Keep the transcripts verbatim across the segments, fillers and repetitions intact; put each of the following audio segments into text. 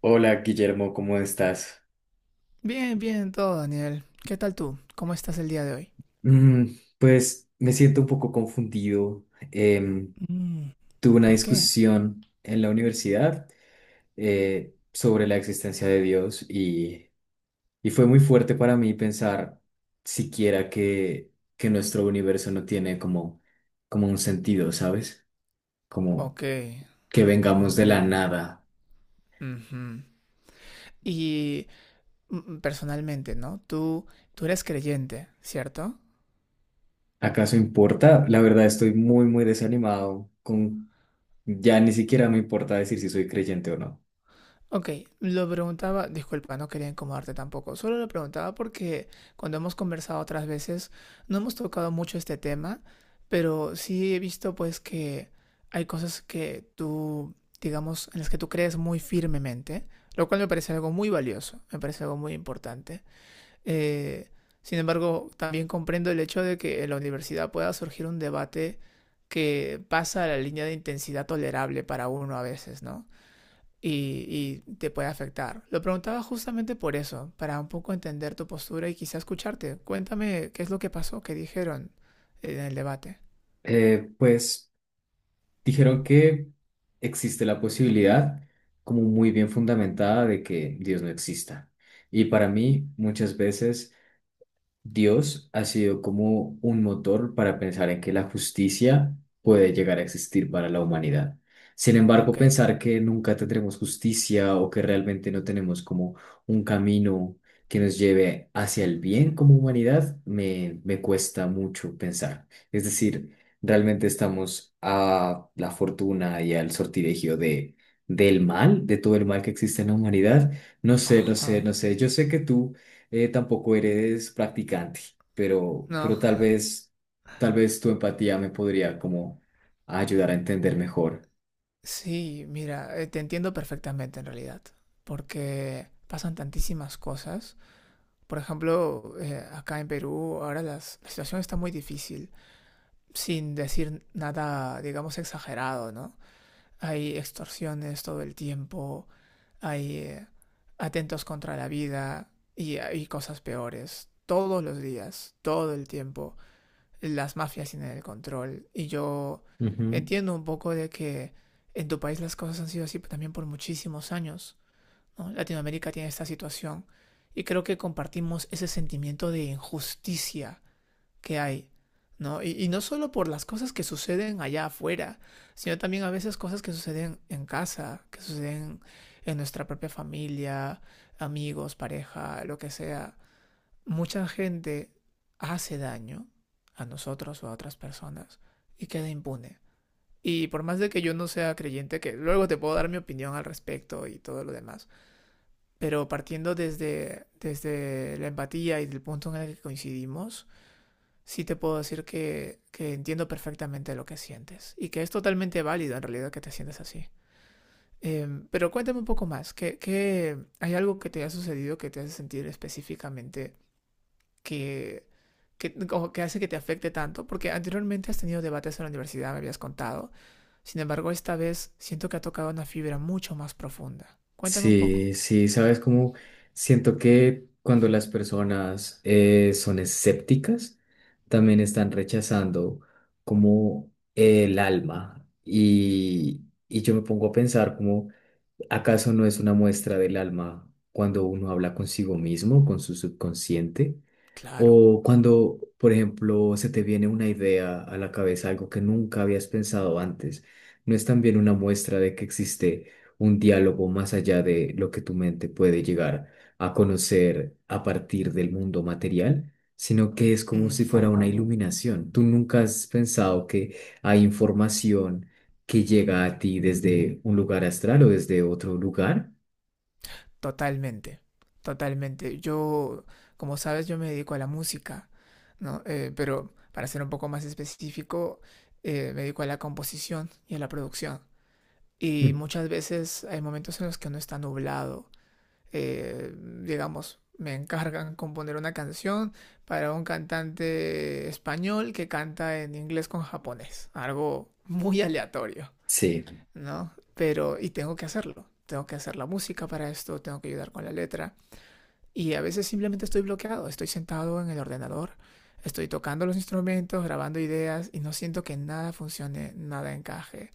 Hola Guillermo, ¿cómo estás? Bien, bien, todo, Daniel. ¿Qué tal tú? ¿Cómo estás el día de hoy? Mm, pues me siento un poco confundido. Em, Mm, Tuve una ¿por qué? discusión en la universidad eh, sobre la existencia de Dios y, y fue muy fuerte para mí pensar siquiera que, que nuestro universo no tiene como, como un sentido, ¿sabes? Como Ok, que vengamos de la comprendo. nada. Ujú. Y mm, personalmente, ¿no? Tú, tú eres creyente, ¿cierto? ¿Acaso importa? La verdad estoy muy, muy desanimado con... Ya ni siquiera me importa decir si soy creyente o no. Ok, lo preguntaba, disculpa, no quería incomodarte tampoco, solo lo preguntaba porque cuando hemos conversado otras veces no hemos tocado mucho este tema, pero sí he visto pues que hay cosas que tú, digamos, en las que tú crees muy firmemente, lo cual me parece algo muy valioso, me parece algo muy importante. Eh, Sin embargo, también comprendo el hecho de que en la universidad pueda surgir un debate que pasa a la línea de intensidad tolerable para uno a veces, ¿no? y, y te puede afectar. Lo preguntaba justamente por eso, para un poco entender tu postura y quizá escucharte. Cuéntame qué es lo que pasó, qué dijeron en el debate. Eh, pues dijeron que existe la posibilidad, como muy bien fundamentada, de que Dios no exista. Y para mí, muchas veces Dios ha sido como un motor para pensar en que la justicia puede llegar a existir para la humanidad. Sin embargo, Ok. pensar que nunca tendremos justicia o que realmente no tenemos como un camino que nos lleve hacia el bien como humanidad, me, me cuesta mucho pensar. Es decir, realmente estamos a la fortuna y al sortilegio de, del mal, de todo el mal que existe en la humanidad. No sé, no Ajá. sé, no sé. Yo sé que tú eh, tampoco eres practicante, pero, pero No. tal vez, tal vez tu empatía me podría como ayudar a entender mejor. Sí, mira, eh, te entiendo perfectamente en realidad, porque pasan tantísimas cosas. Por ejemplo, eh, acá en Perú ahora las- la situación está muy difícil, sin decir nada, digamos, exagerado, ¿no? Hay extorsiones todo el tiempo. Hay eh, atentos contra la vida y hay cosas peores. Todos los días, todo el tiempo, las mafias tienen el control. Y yo Ujú. entiendo un poco de que en tu país las cosas han sido así también por muchísimos años, ¿no? Latinoamérica tiene esta situación. Y creo que compartimos ese sentimiento de injusticia que hay, ¿no? Y, y no solo por las cosas que suceden allá afuera, sino también a veces cosas que suceden en casa, que suceden en nuestra propia familia, amigos, pareja, lo que sea. Mucha gente hace daño a nosotros o a otras personas y queda impune. Y por más de que yo no sea creyente, que luego te puedo dar mi opinión al respecto y todo lo demás, pero partiendo desde, desde la empatía y del punto en el que coincidimos, sí te puedo decir que, que entiendo perfectamente lo que sientes y que es totalmente válido en realidad que te sientes así. Eh, pero cuéntame un poco más, ¿qué, qué- hay algo que te ha sucedido que te hace sentir específicamente que, que, o que hace que te afecte tanto? Porque anteriormente has tenido debates en la universidad, me habías contado. Sin embargo, esta vez siento que ha tocado una fibra mucho más profunda. Cuéntame un poco. Sí, sí, sabes cómo siento que cuando las personas eh, son escépticas, también están rechazando como el alma. Y, y yo me pongo a pensar como, ¿acaso no es una muestra del alma cuando uno habla consigo mismo, con su subconsciente? Claro. O cuando, por ejemplo, se te viene una idea a la cabeza, algo que nunca habías pensado antes, ¿no es también una muestra de que existe un diálogo más allá de lo que tu mente puede llegar a conocer a partir del mundo material? Sino que es como si fuera Ujú. una iluminación. Tú nunca has pensado que hay información que llega a ti desde un lugar astral o desde otro lugar. Totalmente, totalmente. Yo, como sabes, yo me dedico a la música, ¿no? Eh, pero para ser un poco más específico, eh, me dedico a la composición y a la producción. Y Mm, muchas veces hay momentos en los que no está nublado. Eh, digamos, me encargan componer una canción para un cantante español que canta en inglés con japonés. Algo muy aleatorio, sí, ¿no? Pero, y tengo que hacerlo. Tengo que hacer la música para esto, tengo que ayudar con la letra. Y a veces simplemente estoy bloqueado, estoy sentado en el ordenador, estoy tocando los instrumentos, grabando ideas y no siento que nada funcione, nada encaje.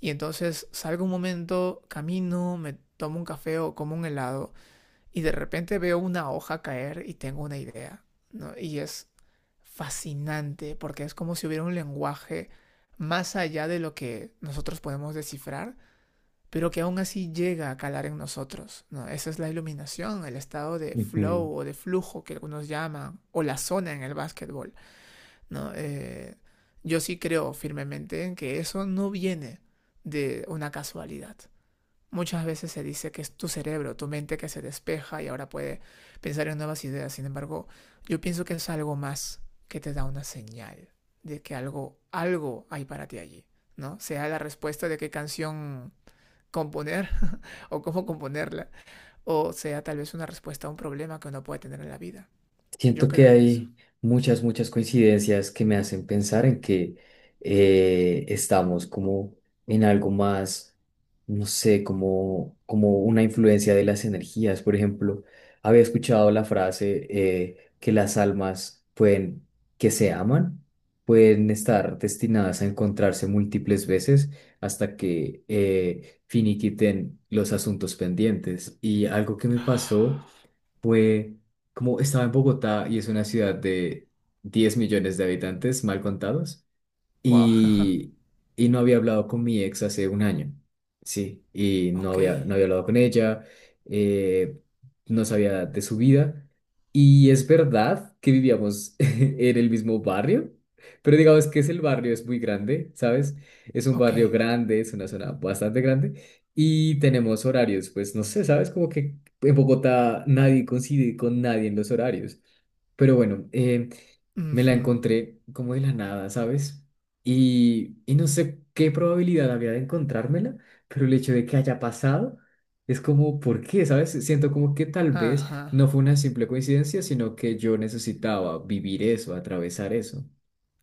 Y entonces salgo un momento, camino, me tomo un café o como un helado y de repente veo una hoja caer y tengo una idea, ¿no? Y es fascinante porque es como si hubiera un lenguaje más allá de lo que nosotros podemos descifrar pero que aún así llega a calar en nosotros, ¿no? Esa es la iluminación, el estado de ujú. flow o de flujo que algunos llaman, o la zona en el básquetbol, ¿no? Eh, yo sí creo firmemente en que eso no viene de una casualidad. Muchas veces se dice que es tu cerebro, tu mente que se despeja y ahora puede pensar en nuevas ideas. Sin embargo, yo pienso que es algo más que te da una señal de que algo, algo hay para ti allí, ¿no? Sea la respuesta de qué canción componer o cómo componerla, o sea tal vez una respuesta a un problema que uno puede tener en la vida. Yo Siento que creo en eso. hay muchas, muchas coincidencias que me hacen pensar en que eh, estamos como en algo más, no sé, como, como una influencia de las energías. Por ejemplo, había escuchado la frase eh, que las almas pueden, que se aman, pueden estar destinadas a encontrarse múltiples veces hasta que eh, finiquiten los asuntos pendientes. Y algo que me pasó fue como estaba en Bogotá y es una ciudad de diez millones de habitantes, mal contados, Wow. y, y no había hablado con mi ex hace un año, sí, y no Ok, había, no había hablado con ella, eh, no sabía de su vida, y es verdad que vivíamos en el mismo barrio, pero digamos que es el barrio, es muy grande, ¿sabes? Es un ok. barrio grande, es una zona bastante grande, y tenemos horarios, pues no sé, ¿sabes? Como que en Bogotá nadie coincide con nadie en los horarios, pero bueno, eh, me la Ujú. encontré como de la nada, ¿sabes? Y, y no sé qué probabilidad había de encontrármela, pero el hecho de que haya pasado es como, ¿por qué? ¿Sabes? Siento como que tal vez no Ajá, fue una simple coincidencia, sino que yo necesitaba vivir eso, atravesar eso.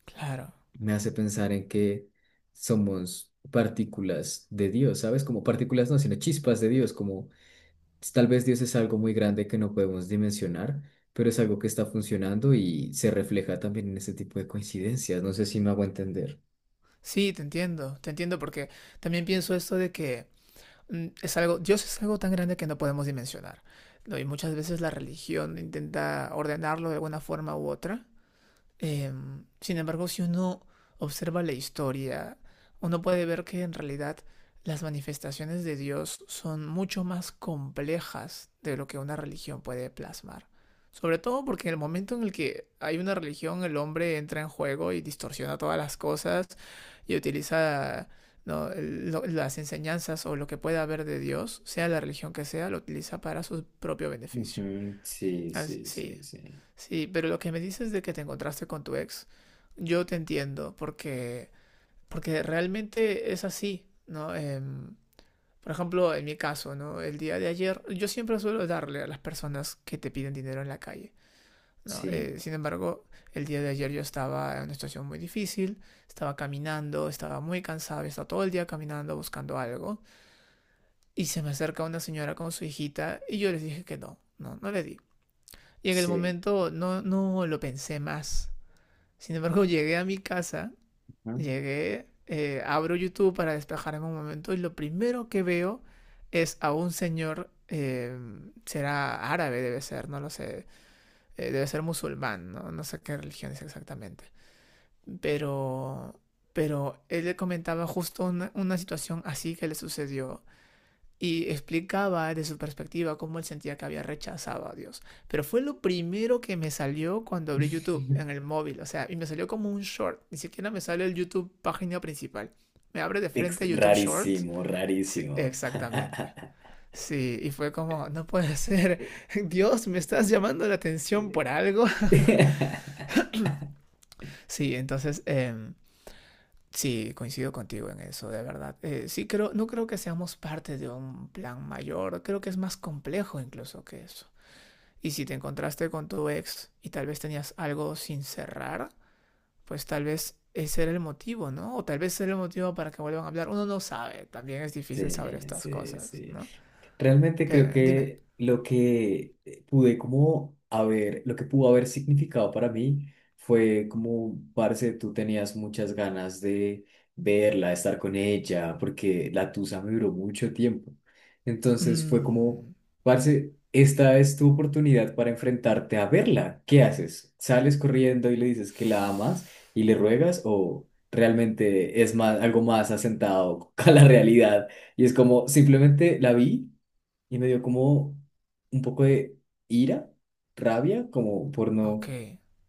claro. Me hace pensar en que somos partículas de Dios, ¿sabes? Como partículas no, sino chispas de Dios, como tal vez Dios es algo muy grande que no podemos dimensionar, pero es algo que está funcionando y se refleja también en ese tipo de coincidencias. No sé si me hago entender. Sí, te entiendo, te entiendo porque también pienso esto de que mm, es algo, Dios es algo tan grande que no podemos dimensionar, ¿no? Y muchas veces la religión intenta ordenarlo de alguna forma u otra. Em, sin embargo, si uno observa la historia, uno puede ver que en realidad las manifestaciones de Dios son mucho más complejas de lo que una religión puede plasmar. Sobre todo porque en el momento en el que hay una religión, el hombre entra en juego y distorsiona todas las cosas y utiliza, ¿no?, lo- las enseñanzas o lo que pueda haber de Dios, sea la religión que sea, lo utiliza para su propio beneficio. Ujú, sí, Así, sí, sí, sí, sí. pero lo que me dices de que te encontraste con tu ex, yo te entiendo, porque, porque realmente es así, ¿no? Em, por ejemplo, en mi caso, ¿no? El día de ayer, yo siempre suelo darle a las personas que te piden dinero en la calle, ¿no? sí, Eh, sí, Sin embargo, el día de ayer yo estaba en una situación muy difícil, estaba caminando, estaba muy cansado, estaba todo el día caminando buscando algo, y se me acerca una señora con su hijita, y yo les dije que no, no, no le di. Y en el sí. momento no, no lo pensé más. Sin embargo, llegué a mi casa, Ujú. llegué, eh, abro YouTube para despejarme un momento y lo primero que veo es a un señor, eh, será árabe, debe ser, no lo sé, eh, debe ser musulmán, ¿no? No sé qué religión es exactamente. Pero, pero él le comentaba justo una, una situación así que le sucedió y explicaba desde su perspectiva cómo él sentía que había rechazado a Dios. Pero fue lo primero que me salió cuando abrí YouTube en el móvil, o sea, y me salió como un short, ni siquiera me sale el YouTube página principal. Me abre de Ex- frente YouTube Shorts. Rarísimo, Sí, rarísimo. exactamente. Sí, y fue como, no puede ser, Dios, me estás llamando la atención por algo. Sí, entonces, eh, sí, coincido contigo en eso, de verdad. Eh, sí, creo, no creo que seamos parte de un plan mayor, creo que es más complejo incluso que eso. Y si te encontraste con tu ex y tal vez tenías algo sin cerrar, pues tal vez ese era el motivo, ¿no? O tal vez ese era el motivo para que vuelvan a hablar. Uno no sabe, también es difícil saber Sí, estas sí, cosas, sí. ¿no? Realmente creo Pero, dime. que lo que pude como haber, lo que pudo haber significado para mí fue como, parce, tú tenías muchas ganas de verla, de estar con ella, porque la tusa me duró mucho tiempo. Entonces fue como, Mm. parce, esta es tu oportunidad para enfrentarte a verla. ¿Qué haces? ¿Sales corriendo y le dices que la amas y le ruegas o realmente es más, algo más asentado a la realidad? Y es como, simplemente la vi. Y me dio como un poco de ira, rabia, como por Ok. no,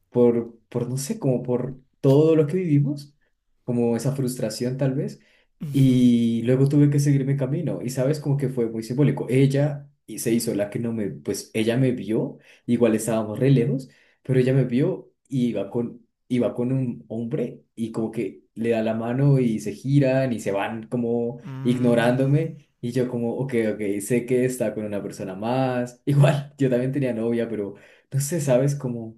por, por no sé, como por todo lo que vivimos, como esa frustración tal vez. Ujú. Y luego tuve que seguir mi camino y sabes como que fue muy simbólico. Ella y se hizo la que no me, pues ella me vio, igual estábamos re lejos, pero ella me vio y iba con, iba con un hombre y como que le da la mano y se giran y se van como Mm. ignorándome y yo como, ok, ok, sé que está con una persona más. Igual, yo también tenía novia, pero no sé, sabes como...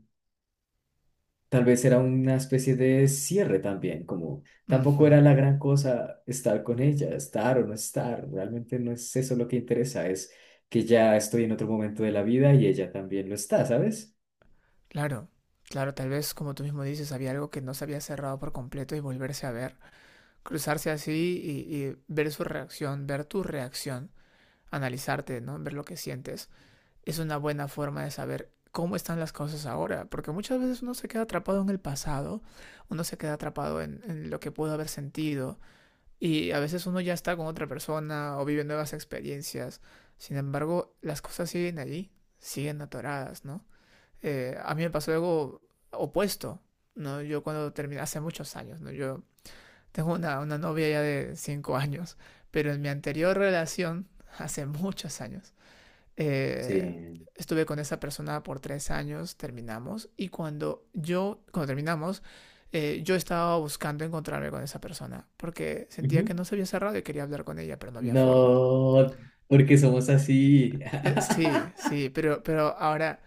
Tal vez era una especie de cierre también, como tampoco era Ujú. la gran cosa estar con ella, estar o no estar, realmente no es eso lo que interesa, es que ya estoy en otro momento de la vida y ella también lo está, ¿sabes? Claro. Claro, tal vez como tú mismo dices, había algo que no se había cerrado por completo y volverse a ver, cruzarse así y, y ver su reacción, ver tu reacción, analizarte, ¿no? Ver lo que sientes es una buena forma de saber cómo están las cosas ahora, porque muchas veces uno se queda atrapado en el pasado, uno se queda atrapado en, en, lo que pudo haber sentido, y a veces uno ya está con otra persona o vive nuevas experiencias, sin embargo, las cosas siguen allí, siguen atoradas, ¿no? Eh, a mí me pasó algo opuesto, ¿no? Yo cuando terminé, hace muchos años, ¿no? Yo tengo una, una novia ya de cinco años, pero en mi anterior relación, hace muchos años, Sí. eh, estuve con esa persona por tres años, terminamos, y cuando yo, cuando terminamos, eh, yo estaba buscando encontrarme con esa persona, porque sentía que Ujú. no se había cerrado y quería hablar con ella, pero no había forma. No, porque somos así. Eh, sí, sí, pero, pero ahora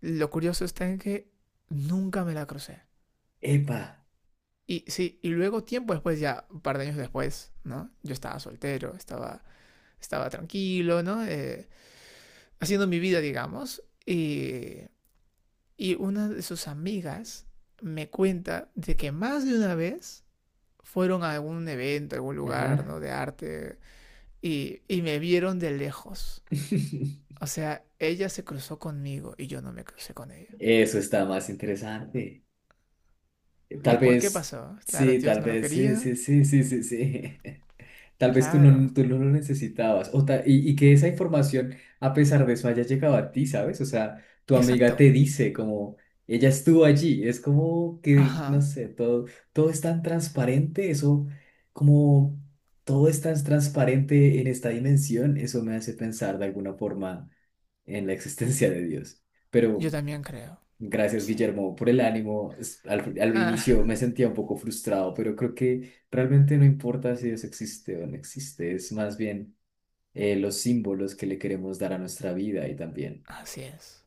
lo curioso está en que nunca me la crucé. Epa, Y sí, y luego tiempo después, ya un par de años después, ¿no? Yo estaba soltero, estaba, estaba tranquilo, ¿no? Eh, haciendo mi vida, digamos, y Y una de sus amigas me cuenta de que más de una vez fueron a algún evento, a algún lugar, ajá. ¿no? De arte y, y me vieron de lejos. O sea, ella se cruzó conmigo y yo no me crucé con ella. Eso está más interesante. ¿Y Tal por qué vez, pasó? Claro, sí, Dios tal no lo vez, sí, quería. sí, sí, sí, sí, sí. Tal vez tú no, Claro. tú no lo necesitabas. O ta- y, y que esa información, a pesar de eso, haya llegado a ti, ¿sabes? O sea, tu amiga Exacto. te dice como, ella estuvo allí. Es como que, no Ajá. sé, todo, todo es tan transparente. Eso, como, todo es tan transparente en esta dimensión. Eso me hace pensar de alguna forma en la existencia de Dios. Yo Pero también creo. gracias, Sí. Guillermo, por el ánimo. Es- Al, al Ah, inicio me sentía un poco frustrado, pero creo que realmente no importa si eso existe o no existe, es más bien eh, los símbolos que le queremos dar a nuestra vida y también. así es.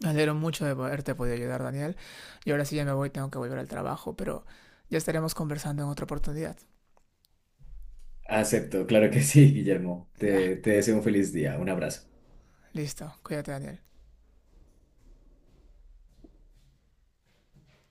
Me alegro mucho de poderte poder ayudar, Daniel. Y ahora sí ya me voy, tengo que volver al trabajo, pero ya estaremos conversando en otra oportunidad. Acepto, claro que sí, Guillermo. Ya. Te, te deseo un feliz día. Un abrazo. Listo, cuídate, Daniel.